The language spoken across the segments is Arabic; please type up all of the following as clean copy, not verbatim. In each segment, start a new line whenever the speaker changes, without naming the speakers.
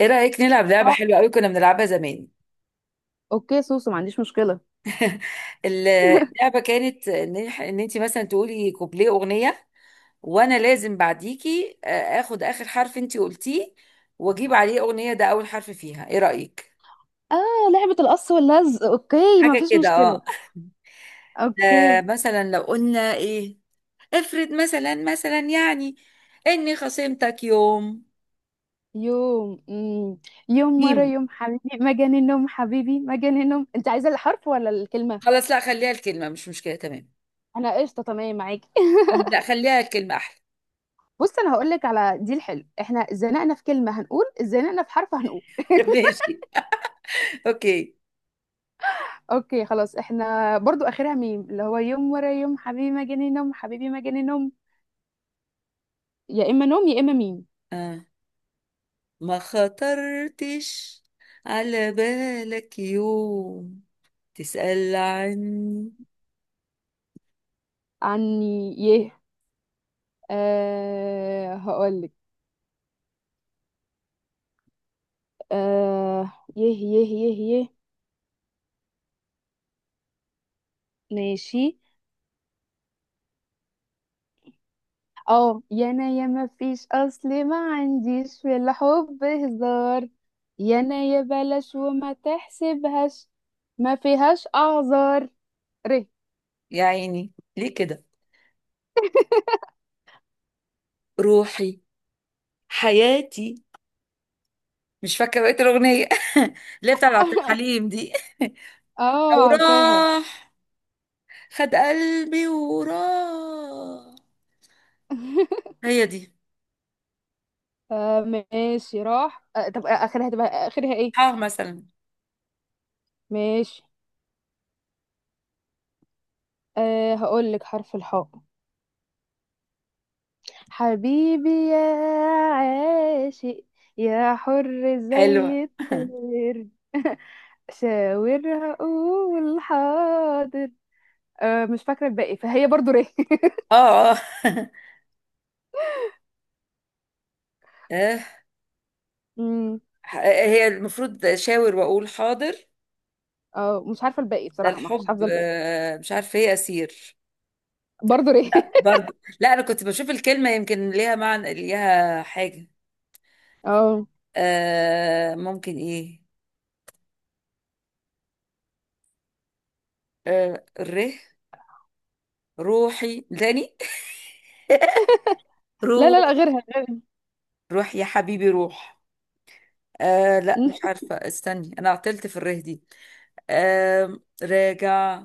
ايه رأيك نلعب لعبة
اه،
حلوة قوي، كنا بنلعبها زمان؟
اوكي سوسو، ما عنديش مشكلة.
اللعبة كانت ان انت مثلا تقولي كوبليه أغنية، وانا لازم بعديكي اخد اخر حرف انت قلتيه واجيب عليه أغنية ده اول حرف فيها. ايه رأيك؟
اه، لعبة القص واللزق. اوكي، ما
حاجة
فيش
كده،
مشكلة.
اه.
اوكي.
مثلا لو قلنا ايه. افرض مثلا يعني اني خصمتك يوم.
يوم يوم ورا
ميم.
يوم حبيبي مجان النوم، حبيبي مجان النوم. انت عايزة الحرف ولا الكلمة؟
خلاص، لا خليها الكلمة، مش مشكلة، تمام.
انا قشطة، تمام معاكي.
لا خليها الكلمة احلى.
بص، انا هقول لك على دي الحلو، احنا زنقنا في كلمة هنقول زنقنا في حرف هنقول.
ماشي. اوكي.
اوكي خلاص، احنا برضو اخرها ميم، اللي هو يوم ورا يوم حبيبي مجاني نوم، حبيبي مجاني نوم. يا اما نوم يا اما ميم.
آه. ما خطرتش على بالك يوم تسأل عني؟
عني، يه. أه هقولك. آه، يه يه يه يه. ماشي. اه، يا انا يا ما فيش، اصل ما عنديش في الحب هزار، يا انا يا بلاش وما تحسبهاش، ما فيهاش اعذار. ره.
يا عيني ليه كده؟ روحي حياتي. مش فاكرة بقية الأغنية، اللي هي بتاع عبد الحليم دي. لو
اه عارفاها.
راح، خد قلبي وراح. هي دي.
آه ماشي، راح. آه، طب اخرها هتبقى اخرها ايه؟
اه مثلا.
ماشي. آه هقول لك حرف الحاء. حبيبي يا عاشق، يا حر
حلوة.
زي الطير. شاور، هقول حاضر. أه مش فاكرة الباقي، فهي برضو ري.
اه، اه.
أمم،
آه، هي المفروض شاور واقول حاضر.
اه مش عارفة الباقي
ده
بصراحة، مش
الحب،
حافظة الباقي.
مش عارفة ايه اسير.
برضو ري.
لا برضو. لا انا كنت بشوف الكلمه يمكن ليها معنى، ليها حاجه.
اه،
ممكن ايه. ره. روحي تاني.
لا لا لا،
روح.
غيرها.
روح يا حبيبي روح. لا مش عارفه، استني، انا عطلت في الره دي. راجع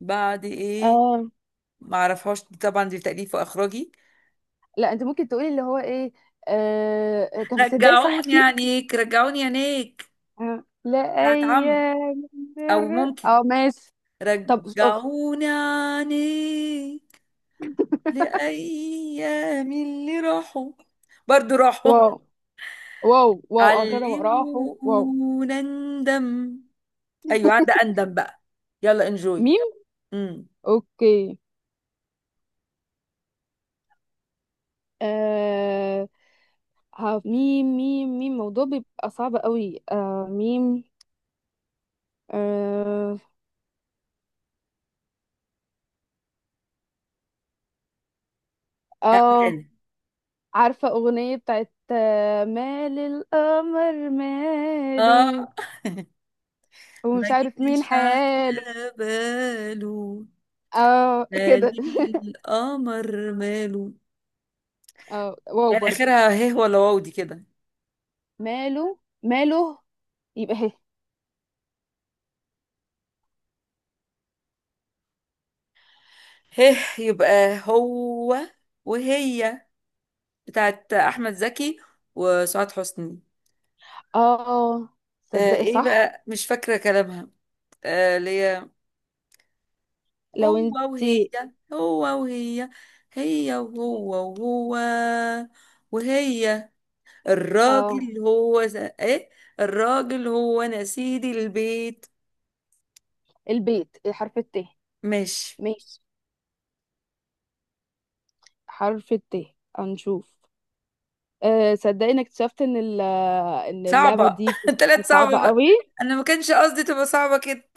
بعد ايه.
اه
ما اعرفهاش طبعا، دي تأليف واخراجي.
لا، انت ممكن تقولي اللي هو ايه. آه، كان في صدقي صح،
رجعوني
في.
عينيك، رجعوني عينيك
آه، لا
بتاعت عمرو.
ايام.
او
الر-
ممكن
اه ماشي. طب أوه.
رجعوني عينيك لأيام اللي راحوا. برضو راحوا.
واو، واو واو أغرب، راحوا واو.
علمونا ندم. أيوة عندي أندم بقى. يلا انجوي.
ميم.
امم.
أوكي. آه. ها، ميم ميم ميم، الموضوع بيبقى صعب قوي. آه ميم. آه. آه،
يعني
عارفة أغنية بتاعت مال القمر
اه،
ماله،
ما
ومش عارف مين
جيش على
حاله؟
باله.
اه
مال
كده.
القمر ماله.
اه، واو
يعني
برضو.
آخرها هيه ولا واو دي كده؟
ماله ماله. يبقى هي.
هيه يبقى هو وهي، بتاعت أحمد زكي وسعاد حسني.
اه صدق
ايه
صح.
بقى، مش فاكرة كلامها. ليه. هو
لو انت.
وهي. هو وهي. هي وهو. وهو وهي.
اه.
الراجل هو ايه، الراجل هو انا سيد البيت.
البيت، حرف الت.
ماشي.
ماشي. حرف الت، هنشوف. أه صدقني، انك اكتشفت ان اللعبه
صعبة،
دي بتبقى
طلعت
صعبه
صعبة بقى.
قوي.
انا ما كانش قصدي تبقى صعبة كده.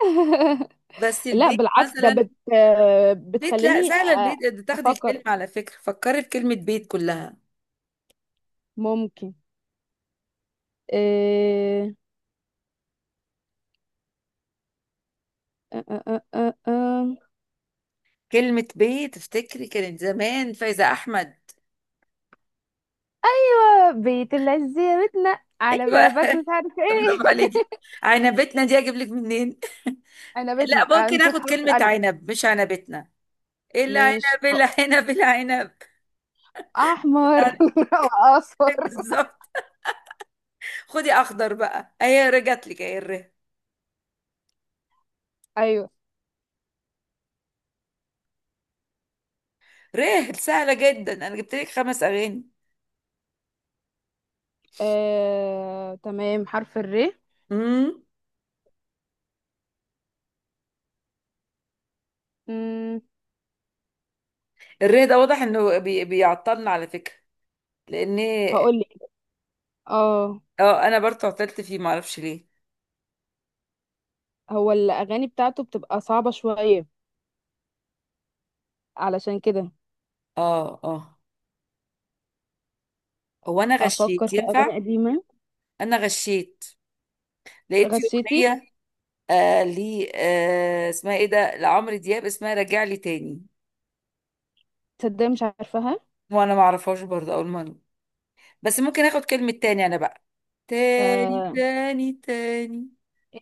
بس
لا
البيت
بالعكس، ده
مثلا.
بت آه،
بيت لا
بتخليني.
سهلة، البيت ده تاخدي الكلمة.
افكر.
على فكرة فكري في كلمة بيت كلها.
ممكن. إيه... أه أه أه أه.
كلمة بيت افتكري، كانت زمان فايزة احمد.
آه، بيت الذي، بيتنا على
ايوه.
بابك مش عارف ايه.
برافو عليكي. انا بيتنا دي اجيب لك منين؟
انا بيتنا.
لا،
آه،
ممكن
نشوف
اخد
حرف
كلمة
الالف.
عنب، مش عنبتنا.
ماشي.
العنب العنب العنب.
احمر.
بتاعتك.
واصفر.
بالظبط. خدي اخضر بقى، اهي رجعت لك اهي الره.
ايوه.
ره سهلة جدا، انا جبت لك خمس اغاني.
تمام، حرف الر.
امم. الره ده واضح انه بيعطلنا على فكرة. لان
هقول لك. اه.
اه انا برضه عطلت فيه، معرفش ليه.
هو الأغاني بتاعته بتبقى صعبة شوية علشان كده.
اه، اه. هو انا
أفكر
غشيت
في
ينفع؟
أغاني قديمة.
انا غشيت، لقيت في
غشيتي؟
اغنية لي اسمها ايه ده، لعمرو دياب، اسمها راجع لي تاني.
تصدق مش عارفاها.
وانا ما اعرفهاش برضه اول مرة. بس ممكن اخد كلمة تاني انا بقى. تاني
آه،
تاني تاني.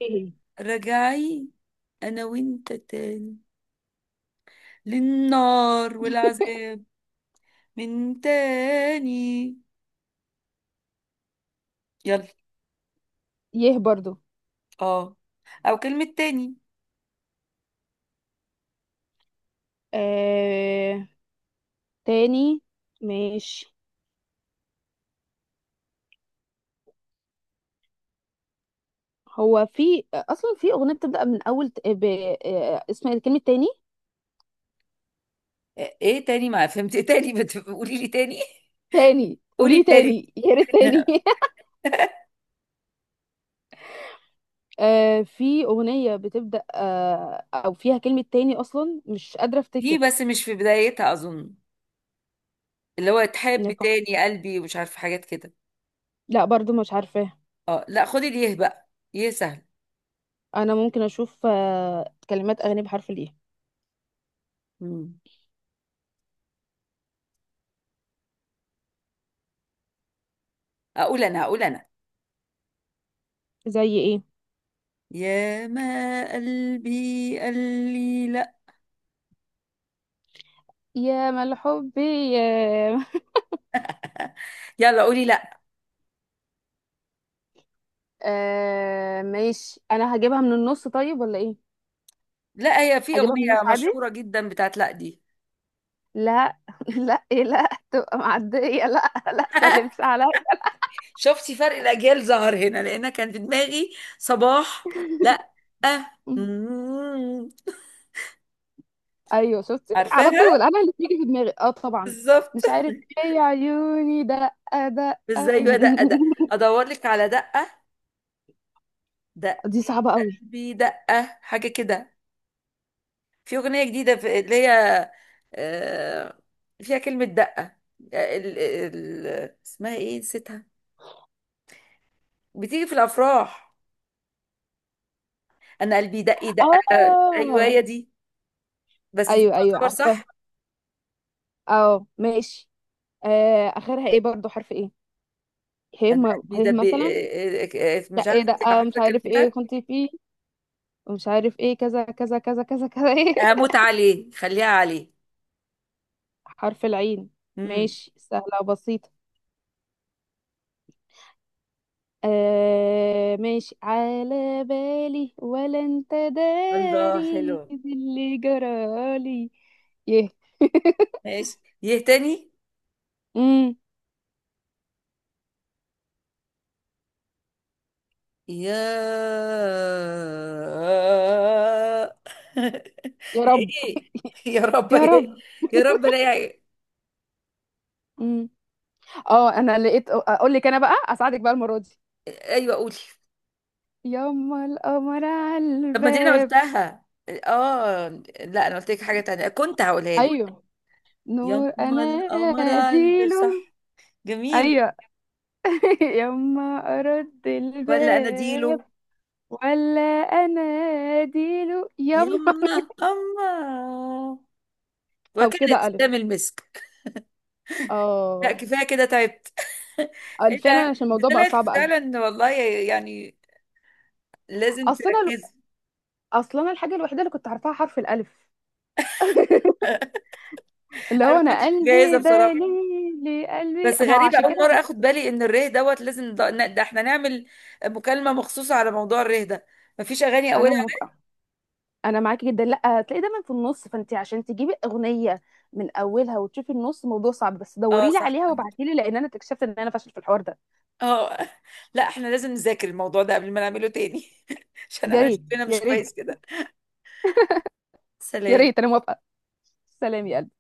ايه.
رجعي انا وانت تاني للنار والعذاب. من تاني. يلا.
يه برضو.
اه. او كلمة تاني.
آه تاني. ماشي. هو في أصلا في أغنية بتبدأ من أول آه، اسم الكلمة تاني.
ايه تاني، ما فهمت، ايه تاني قولي لي تاني.
تاني
قولي
قوليه،
التاني.
تاني. يا ريت تاني. آه، في أغنية بتبدأ آه أو فيها كلمة تاني، أصلا مش قادرة
في،
أفتكر.
بس مش في بدايتها اظن، اللي هو تحب
نفع-
تاني قلبي، ومش عارفه حاجات كده.
لا برضو مش عارفاها.
اه، لا خدي ليه بقى. يه سهل.
انا ممكن اشوف كلمات اغاني بحرف الايه.
مم. اقول انا، اقول انا
زي ايه؟
يا ما قلبي قال لي لا.
يا مال حبي، يا.
يلا قولي لا.
آه ماشي، انا هجيبها من النص طيب ولا ايه؟
لا، هي في
اجيبها من
أغنية
النص عادي.
مشهورة جدا بتاعت لا دي.
لا. لا إيه، لا تبقى معديه، لا لا سلمش عليا.
شفتي فرق الاجيال ظهر هنا، لان كان في دماغي صباح. لا. أه. مم.
ايوه شفتي على
عارفاها.
طول، انا اللي بيجي في دماغي اه طبعا.
بالظبط.
مش عارف ايه يا عيوني دقه. دقه.
ازاي يا دقه ده؟ ادور لك على دقه. دقه.
دي صعبه قوي.
قلبي دقه، حاجه كده. في اغنيه جديده، في اللي هي، آه، فيها كلمه دقه. اسمها ايه، نسيتها. بتيجي في الافراح. انا قلبي دق دق. ايوه
اه.
هي دي. بس دي
ايوه ايوه،
تعتبر صح.
عارفاها. اه ماشي. آه اخرها ايه؟ برضو حرف ايه.
انا قلبي
هي
دق،
مثلا.
مش
لا ايه
عارفه،
ده،
انت
آه مش
عارفه
عارف ايه
كلمتها؟
كنت فيه، ومش عارف ايه كذا كذا كذا كذا كذا ايه.
هموت عليه خليها عليه.
حرف العين.
امم.
ماشي، سهلة وبسيطة. آه ماشي، على بالي ولا انت
الله
داري
حلو.
باللي جرالي. يه.
ماشي يه تاني.
امم.
يا. يا
يا رب.
ايه؟ يا رب يا
يا
إيه؟
رب.
يا رب لا.
امم. اه انا لقيت، اقول لك انا بقى اساعدك بقى المرة دي.
ايوه قولي.
يما القمر على
طب ما دي انا
الباب.
قلتها اه. لا، انا قلت لك حاجه تانية كنت هقولها لك.
ايوه. نور
يما
أنا
القمر قلبي
ديل.
صح. جميل.
أيوة. يما، أرد
ولا
الباب
أناديله.
ولا أنا ديل يما.
يما. أما.
طب
وكانت
كده ألف.
ختام المسك. لا
اه.
كفاية كده، تعبت.
آه،
ايه
فعلا
ده،
عشان
دي
الموضوع بقى
طلعت
صعب. ألف.
فعلا والله يعني. لازم
أصل أنا
تركزي.
أصل أنا الحاجة الوحيدة اللي كنت عارفاها حرف الألف. اللي
انا
هو
ما
أنا
كنتش جاهزه
قلبي
بصراحه.
دليلي، قلبي
بس
ما هو،
غريبه
عشان
اول
كده.
مره اخد بالي ان الريه دوت لازم، ده احنا نعمل مكالمه مخصوصه على موضوع الريه ده. مفيش اغاني
أنا
اولها.
موافقة. انا معاكي جدا، لا هتلاقي دايما في النص، فانت عشان تجيبي اغنيه من اولها وتشوفي النص موضوع صعب، بس
اه
دوري لي
صح.
عليها وابعتي لي، لان انا اكتشفت ان انا فاشل في الحوار ده.
اه. لا احنا لازم نذاكر الموضوع ده قبل ما نعمله تاني. عشان
يا
احنا
ريت
شكلنا
يا
مش
ريت.
كويس كده.
يا
سلام.
ريت. انا موافقه. سلام يا قلبي.